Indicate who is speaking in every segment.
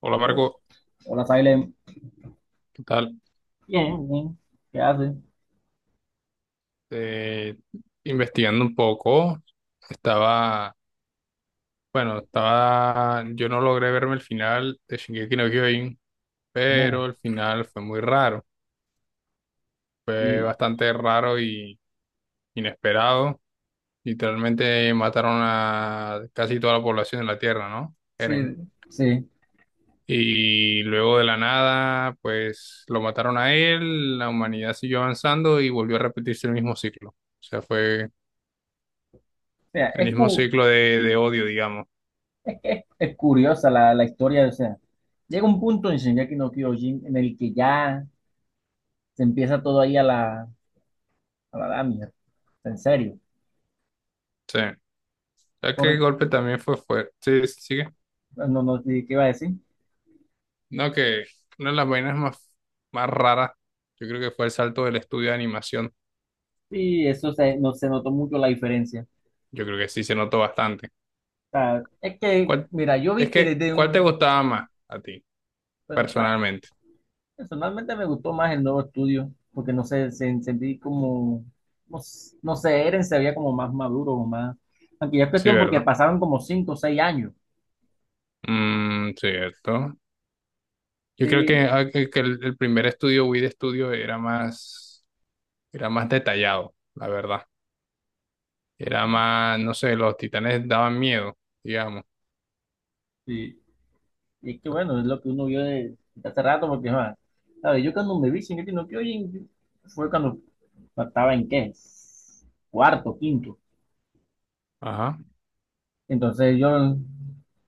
Speaker 1: Hola
Speaker 2: O,
Speaker 1: Marco,
Speaker 2: hola, Silent.
Speaker 1: ¿qué tal?
Speaker 2: Bien, bien. ¿Qué hace?
Speaker 1: Eh, Investigando un poco, estaba, bueno, estaba, yo no logré verme el final de Shingeki no Kyojin,
Speaker 2: Oh,
Speaker 1: pero el final fue muy raro, fue
Speaker 2: sí,
Speaker 1: bastante raro y inesperado. Literalmente mataron a casi toda la población de la Tierra, ¿no?
Speaker 2: sí,
Speaker 1: Eren.
Speaker 2: sí.
Speaker 1: Y luego de la nada, pues lo mataron a él, la humanidad siguió avanzando y volvió a repetirse el mismo ciclo. O sea, fue
Speaker 2: O sea,
Speaker 1: el
Speaker 2: es,
Speaker 1: mismo
Speaker 2: cu-
Speaker 1: ciclo de odio, digamos.
Speaker 2: es, que es curiosa la historia. O sea, llega un punto en Shingeki no Kyojin en el que ya se empieza todo ahí a a la damia. En serio.
Speaker 1: Sí, ya que el
Speaker 2: Por,
Speaker 1: golpe también fue fuerte. Sí, sí, sigue.
Speaker 2: no, no, sí, ¿qué iba a decir?
Speaker 1: No, que una de las vainas más, más raras, yo creo que fue el salto del estudio de animación.
Speaker 2: Sí, no, se notó mucho la diferencia. O
Speaker 1: Yo creo que sí se notó bastante.
Speaker 2: sea, es que,
Speaker 1: ¿Cuál,
Speaker 2: mira, yo
Speaker 1: es
Speaker 2: vi que
Speaker 1: que,
Speaker 2: desde
Speaker 1: cuál te
Speaker 2: un...
Speaker 1: gustaba más a ti,
Speaker 2: Bueno,
Speaker 1: personalmente?
Speaker 2: personalmente me gustó más el nuevo estudio, porque no sé, sentí como, no, no sé, Eren se veía como más maduro o más. Aunque ya es
Speaker 1: Sí,
Speaker 2: cuestión porque
Speaker 1: ¿verdad?
Speaker 2: pasaron como 5 o 6 años.
Speaker 1: Mm, cierto. Yo creo que,
Speaker 2: Sí,
Speaker 1: que el primer estudio, Wii de estudio, era más detallado, la verdad. Era más, no sé, los titanes daban miedo, digamos.
Speaker 2: sí. Y es que bueno, es lo que uno vio de hace rato, porque ¿sabes? Yo cuando me vi Shingeki no Kyojin fue cuando estaba en qué, cuarto, quinto.
Speaker 1: Ajá.
Speaker 2: Entonces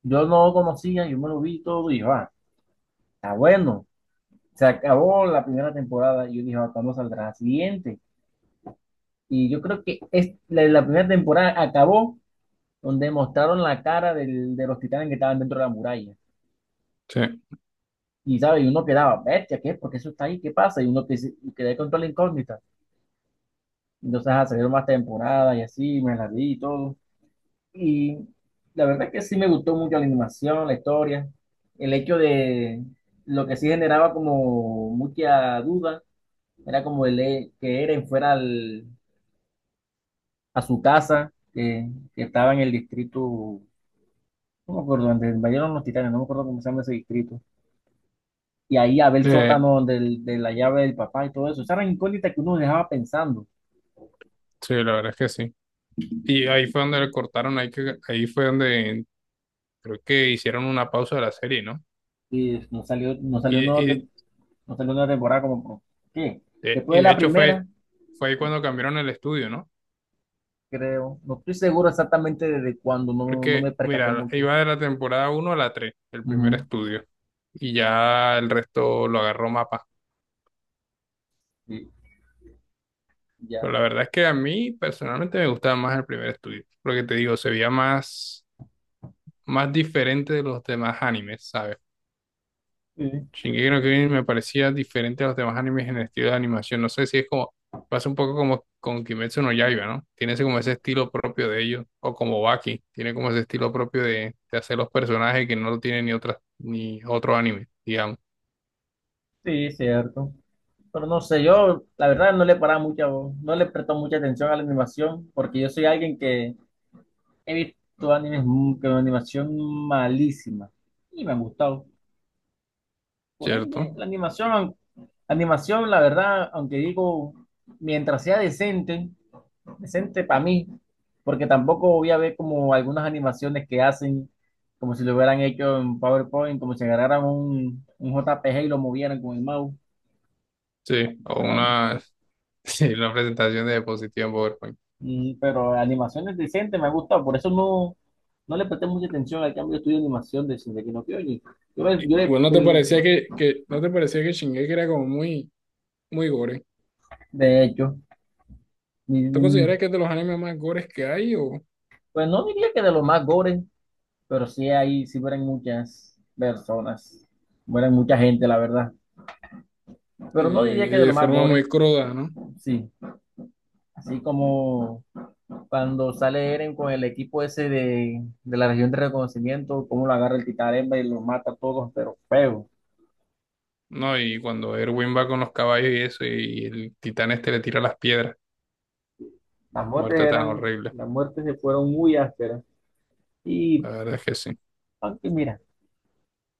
Speaker 2: yo no conocía, yo me lo vi todo y dije, ah, está bueno. Se acabó la primera temporada y yo dije, ah, ¿cuándo saldrá la siguiente? Y yo creo que es, la primera temporada acabó donde mostraron la cara de los titanes que estaban dentro de la muralla.
Speaker 1: Sí.
Speaker 2: Y, ¿sabes? Y uno quedaba, bestia, ¿qué? ¿Por qué eso está ahí? ¿Qué pasa? Y quedé con toda la incógnita. Entonces, ah, salieron más temporadas y así, me las vi y todo. Y la verdad es que sí me gustó mucho la animación, la historia, el hecho de lo que sí generaba como mucha duda, era como el que Eren fuera a su casa, que estaba en el distrito. No me acuerdo, donde invadieron los titanes, no me acuerdo cómo se llama ese distrito. Y ahí a ver el
Speaker 1: Eh,
Speaker 2: sótano de la llave del papá y todo eso. Esa era incógnita que uno dejaba pensando.
Speaker 1: sí, la verdad es que sí. Y ahí fue donde le cortaron, ahí, que, ahí fue donde creo que hicieron una pausa de la serie, ¿no?
Speaker 2: Y nos salió, nos salió,
Speaker 1: Y,
Speaker 2: una
Speaker 1: y,
Speaker 2: tem- Nos salió una temporada ¿qué?
Speaker 1: de,
Speaker 2: Después
Speaker 1: y
Speaker 2: de
Speaker 1: de
Speaker 2: la
Speaker 1: hecho fue,
Speaker 2: primera,
Speaker 1: fue ahí cuando cambiaron el estudio, ¿no?
Speaker 2: creo. No estoy seguro exactamente desde cuándo, no, no
Speaker 1: Porque,
Speaker 2: me percaté
Speaker 1: mira,
Speaker 2: mucho.
Speaker 1: iba de la temporada uno a la 3 el primer
Speaker 2: Ujú.
Speaker 1: estudio, y ya el resto lo agarró Mapa.
Speaker 2: Sí, ya.
Speaker 1: Pero la verdad es que a mí personalmente me gustaba más el primer estudio, porque te digo, se veía más, más diferente de los demás animes, ¿sabes?
Speaker 2: Sí,
Speaker 1: Shingeki no Kyojin me parecía diferente a los demás animes en el estilo de animación. No sé si es como, pasa un poco como con Kimetsu no Yaiba, ¿no? Tiene ese, como ese estilo propio de ellos, o como Baki, tiene como ese estilo propio de hacer los personajes que no lo tiene ni otras, ni otro anime, digamos,
Speaker 2: sí, cierto. Pero no sé, yo la verdad no le paraba mucha, no le presto mucha atención a la animación, porque yo soy alguien que he visto animes con animación malísima y me han gustado. Por
Speaker 1: ¿cierto?
Speaker 2: ende, animación, la verdad, aunque digo, mientras sea decente, decente para mí, porque tampoco voy a ver como algunas animaciones que hacen, como si lo hubieran hecho en PowerPoint, como si agarraran un JPG y lo movieran con el mouse.
Speaker 1: Sí, o
Speaker 2: Ah,
Speaker 1: una, sí, una presentación de diapositiva en PowerPoint.
Speaker 2: pero animaciones decentes me han gustado, por eso no, no le presté mucha atención al cambio de estudio de animación de Shingeki no Kyojin. Yo, le- yo le-
Speaker 1: Igual no te
Speaker 2: del-
Speaker 1: parecía que no te parecía que Shingeki era como muy, muy gore.
Speaker 2: De hecho,
Speaker 1: ¿Tú
Speaker 2: y,
Speaker 1: consideras que es de los animes más gores que hay o
Speaker 2: pues no diría que de lo más gore, pero sí ahí sí mueren muchas personas, mueren mucha gente, la verdad.
Speaker 1: eh,
Speaker 2: Pero no diría que de lo
Speaker 1: de
Speaker 2: más
Speaker 1: forma
Speaker 2: gore,
Speaker 1: muy cruda, ¿no?
Speaker 2: sí. Así como cuando sale Eren con el equipo ese de la región de reconocimiento, cómo lo agarra el titán Hembra y los mata a todos, pero feo.
Speaker 1: No, y cuando Erwin va con los caballos y eso, y el titán este le tira las piedras.
Speaker 2: Las muertes
Speaker 1: Muerte tan
Speaker 2: eran,
Speaker 1: horrible.
Speaker 2: las muertes se fueron muy ásperas. Y
Speaker 1: La verdad es que sí.
Speaker 2: aunque mira,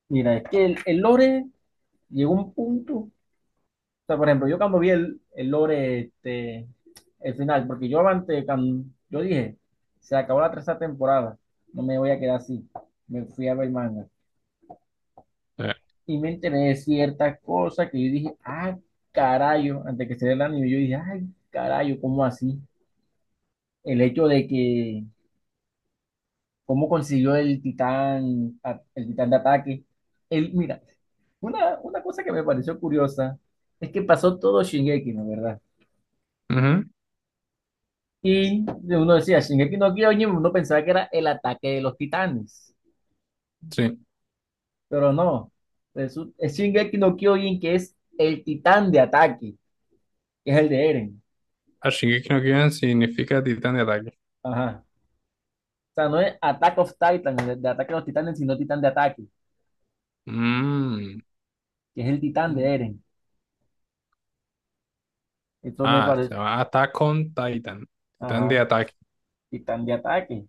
Speaker 2: mira, es que el lore llegó a un punto. O sea, por ejemplo, yo cuando vi el lore, este, el final, porque yo antes, cuando- yo dije, se acabó la tercera temporada, no me voy a quedar así. Me fui a ver manga.
Speaker 1: Eh,
Speaker 2: Y me enteré de ciertas cosas que yo dije, ah, carayo, antes que se dé el anime, yo dije, ay, carayo, ¿cómo así? El hecho de que, ¿cómo consiguió el titán, el titán de ataque? Él, mira, una cosa que me pareció curiosa es que pasó todo Shingeki, ¿no? ¿Verdad?
Speaker 1: ujú.
Speaker 2: Y uno decía, Shingeki no Kyojin, uno pensaba que era el ataque de los titanes,
Speaker 1: Sí.
Speaker 2: pero no. Es Shingeki no Kyojin que es el titán de ataque, que es el de Eren.
Speaker 1: Ah, Shingeki no Kyojin significa titán de ataque.
Speaker 2: Ajá. O sea, no es Attack of Titan, de ataque de los titanes, sino titán de ataque,
Speaker 1: Mm.
Speaker 2: que es el titán
Speaker 1: Mm.
Speaker 2: de Eren. Esto me
Speaker 1: Ah, se
Speaker 2: parece,
Speaker 1: llama Attack on Titan. Titán de
Speaker 2: ajá,
Speaker 1: ataque.
Speaker 2: titán de ataque,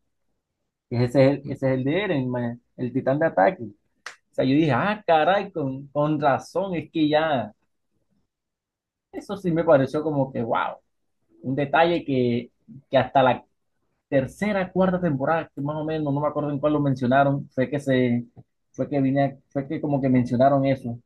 Speaker 2: que ese es el de Eren, man, el titán de ataque. O sea, yo dije, ah, caray, con razón, es que ya, eso sí me pareció como que, wow, un detalle que hasta la tercera, cuarta temporada, que más o menos, no me acuerdo en cuál lo mencionaron, fue que vine, fue que como que mencionaron eso,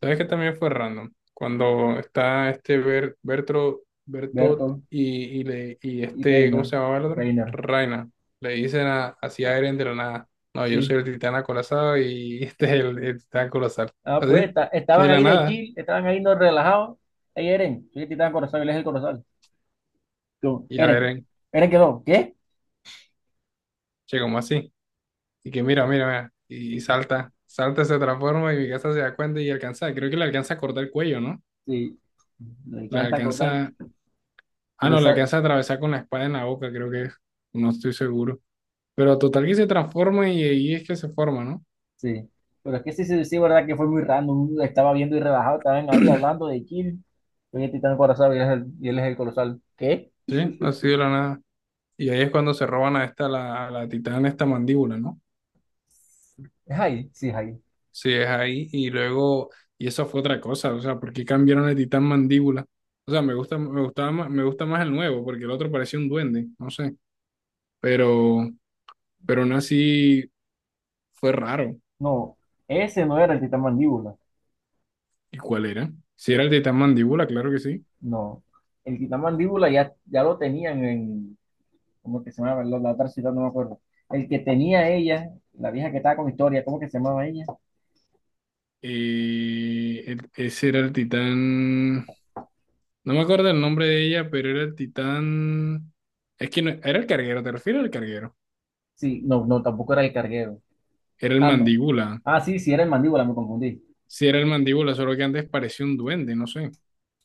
Speaker 1: ¿Sabes que también fue random? Cuando está este Bertro, Bertot
Speaker 2: Bertolt
Speaker 1: y, le, y
Speaker 2: y
Speaker 1: este, ¿cómo
Speaker 2: Reiner,
Speaker 1: se llamaba el otro?
Speaker 2: Reiner.
Speaker 1: Reina. Le dicen a, así a
Speaker 2: Ah,
Speaker 1: Eren de la nada. No, yo soy
Speaker 2: sí,
Speaker 1: el titán acorazado y este es el titán colosal.
Speaker 2: ah, pues
Speaker 1: Así, de
Speaker 2: estaban
Speaker 1: la
Speaker 2: ahí de
Speaker 1: nada.
Speaker 2: chill, estaban ahí no relajados, ahí Eren, soy el titán Corozal, él es el Corozal, yo,
Speaker 1: Y a
Speaker 2: Eren,
Speaker 1: Eren,
Speaker 2: Eren quedó, ¿qué?
Speaker 1: che, como así. Y que mira, mira, mira. Y, salta, salta, se transforma y mi casa se da cuenta y alcanza. Creo que le alcanza a cortar el cuello, ¿no?
Speaker 2: Sí, me
Speaker 1: Le
Speaker 2: encanta acordar,
Speaker 1: alcanza. Ah,
Speaker 2: pero
Speaker 1: no, le
Speaker 2: esa,
Speaker 1: alcanza a atravesar con la espada en la boca, creo que es. No estoy seguro. Pero total que se transforma y ahí es que se forma, ¿no?
Speaker 2: sí, pero es que sí, sí, sí, verdad que fue muy random, estaba viendo y relajado, estaban ahí hablando de chill, soy el titán Corozal y él es y él es el Corozal, ¿qué?
Speaker 1: Sí, así de la nada. Y ahí es cuando se roban a esta, la, a la titán, esta mandíbula, ¿no?
Speaker 2: Es ahí, sí, es ahí.
Speaker 1: Sí, es ahí. Y luego, y eso fue otra cosa, o sea, ¿por qué cambiaron el titán mandíbula? O sea, me gusta, me gustaba más, me gusta más el nuevo, porque el otro parecía un duende, no sé. Pero, pero aún así fue raro.
Speaker 2: No, ese no era el titán mandíbula.
Speaker 1: ¿Y cuál era? Si era el titán mandíbula, claro que sí.
Speaker 2: No, el titán mandíbula ya lo tenían en, ¿cómo que se llamaba? La otra ciudad, no me acuerdo. El que tenía ella, la vieja que estaba con Historia, ¿cómo que se llamaba ella?
Speaker 1: Ese era el titán. No me acuerdo el nombre de ella, pero era el titán. Es que no, era el carguero, ¿te refieres al carguero?
Speaker 2: Sí, no, no, tampoco era el carguero.
Speaker 1: Era el
Speaker 2: Ah, no.
Speaker 1: mandíbula.
Speaker 2: Ah, sí, sí, era el mandíbula, me confundí.
Speaker 1: Sí, era el mandíbula, solo que antes parecía un duende, no sé,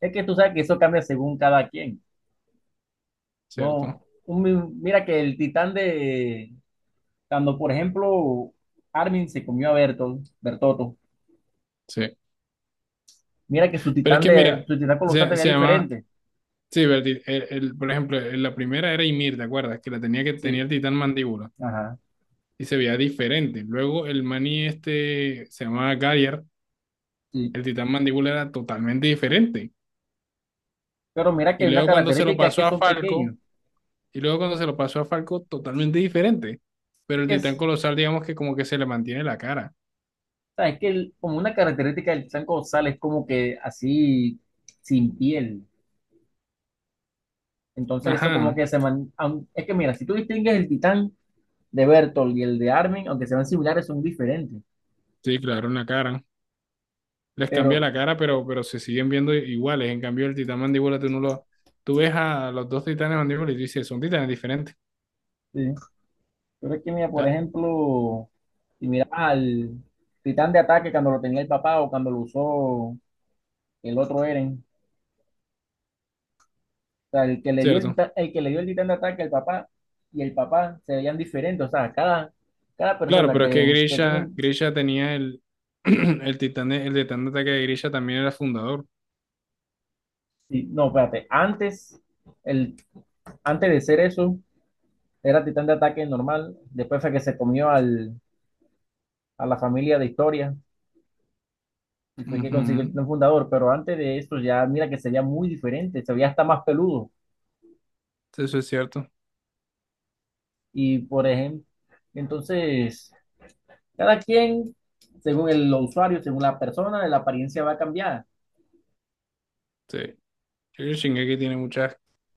Speaker 2: Es que tú sabes que eso cambia según cada quien.
Speaker 1: ¿cierto?
Speaker 2: No, mira que el titán de, cuando por ejemplo Armin se comió a Bertolt, Bertotto,
Speaker 1: Sí.
Speaker 2: mira que su
Speaker 1: Pero es
Speaker 2: titán
Speaker 1: que
Speaker 2: de
Speaker 1: mira,
Speaker 2: su titán colosal
Speaker 1: se,
Speaker 2: tenía
Speaker 1: se llama.
Speaker 2: diferente.
Speaker 1: Sí, pero el por ejemplo, en la primera era Ymir, ¿te acuerdas? Que la tenía que tenía
Speaker 2: Sí,
Speaker 1: el titán mandíbula
Speaker 2: ajá,
Speaker 1: y se veía diferente. Luego el maní este se llamaba Gyar,
Speaker 2: sí.
Speaker 1: el titán mandíbula era totalmente diferente.
Speaker 2: Pero mira que
Speaker 1: Y
Speaker 2: hay una
Speaker 1: luego cuando se lo
Speaker 2: característica es que
Speaker 1: pasó a
Speaker 2: son
Speaker 1: Falco.
Speaker 2: pequeños.
Speaker 1: Y luego cuando se lo pasó a Falco, totalmente diferente.
Speaker 2: Es
Speaker 1: Pero el
Speaker 2: que es,
Speaker 1: titán
Speaker 2: o
Speaker 1: colosal, digamos que como que se le mantiene la cara.
Speaker 2: sea, es que como una característica del titán colosal es como que así sin piel. Entonces eso como
Speaker 1: Ajá,
Speaker 2: que se man, es que mira, si tú distingues el titán de Bertolt y el de Armin, aunque sean similares, son diferentes.
Speaker 1: sí, claro, una cara. Les cambia la
Speaker 2: Pero,
Speaker 1: cara, pero se siguen viendo iguales. En cambio, el titán mandíbula, tú no lo... Tú ves a los dos titanes mandíbula y tú dices, son titanes diferentes.
Speaker 2: sí, pero es que mira, por
Speaker 1: Ah,
Speaker 2: ejemplo, si miras al titán de ataque cuando lo tenía el papá o cuando lo usó el otro Eren. O sea, el que le dio el
Speaker 1: cierto.
Speaker 2: titán, el que le dio el titán de ataque al papá y el papá se veían diferentes. O sea, cada
Speaker 1: Claro,
Speaker 2: persona
Speaker 1: pero es que
Speaker 2: que tiene
Speaker 1: Grisha,
Speaker 2: un...
Speaker 1: Grisha tenía el, el titán de ataque de Grisha también era fundador.
Speaker 2: Sí, no, espérate. Antes, el, antes de ser eso, era titán de ataque normal. Después fue que se comió al, a la familia de historia y fue que consiguió el
Speaker 1: Ujú,
Speaker 2: titán fundador. Pero antes de eso ya, mira que se veía muy diferente. Se veía hasta más peludo.
Speaker 1: eso es cierto.
Speaker 2: Y por ejemplo, entonces, cada quien, según el usuario, según la persona, la apariencia va a cambiar.
Speaker 1: Sí. Yo creo que Shingeki tiene muchas,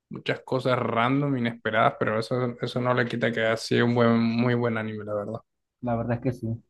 Speaker 1: muchas cosas random, inesperadas, pero eso no le quita que ha sido un buen, muy buen anime, la verdad.
Speaker 2: La verdad es que sí.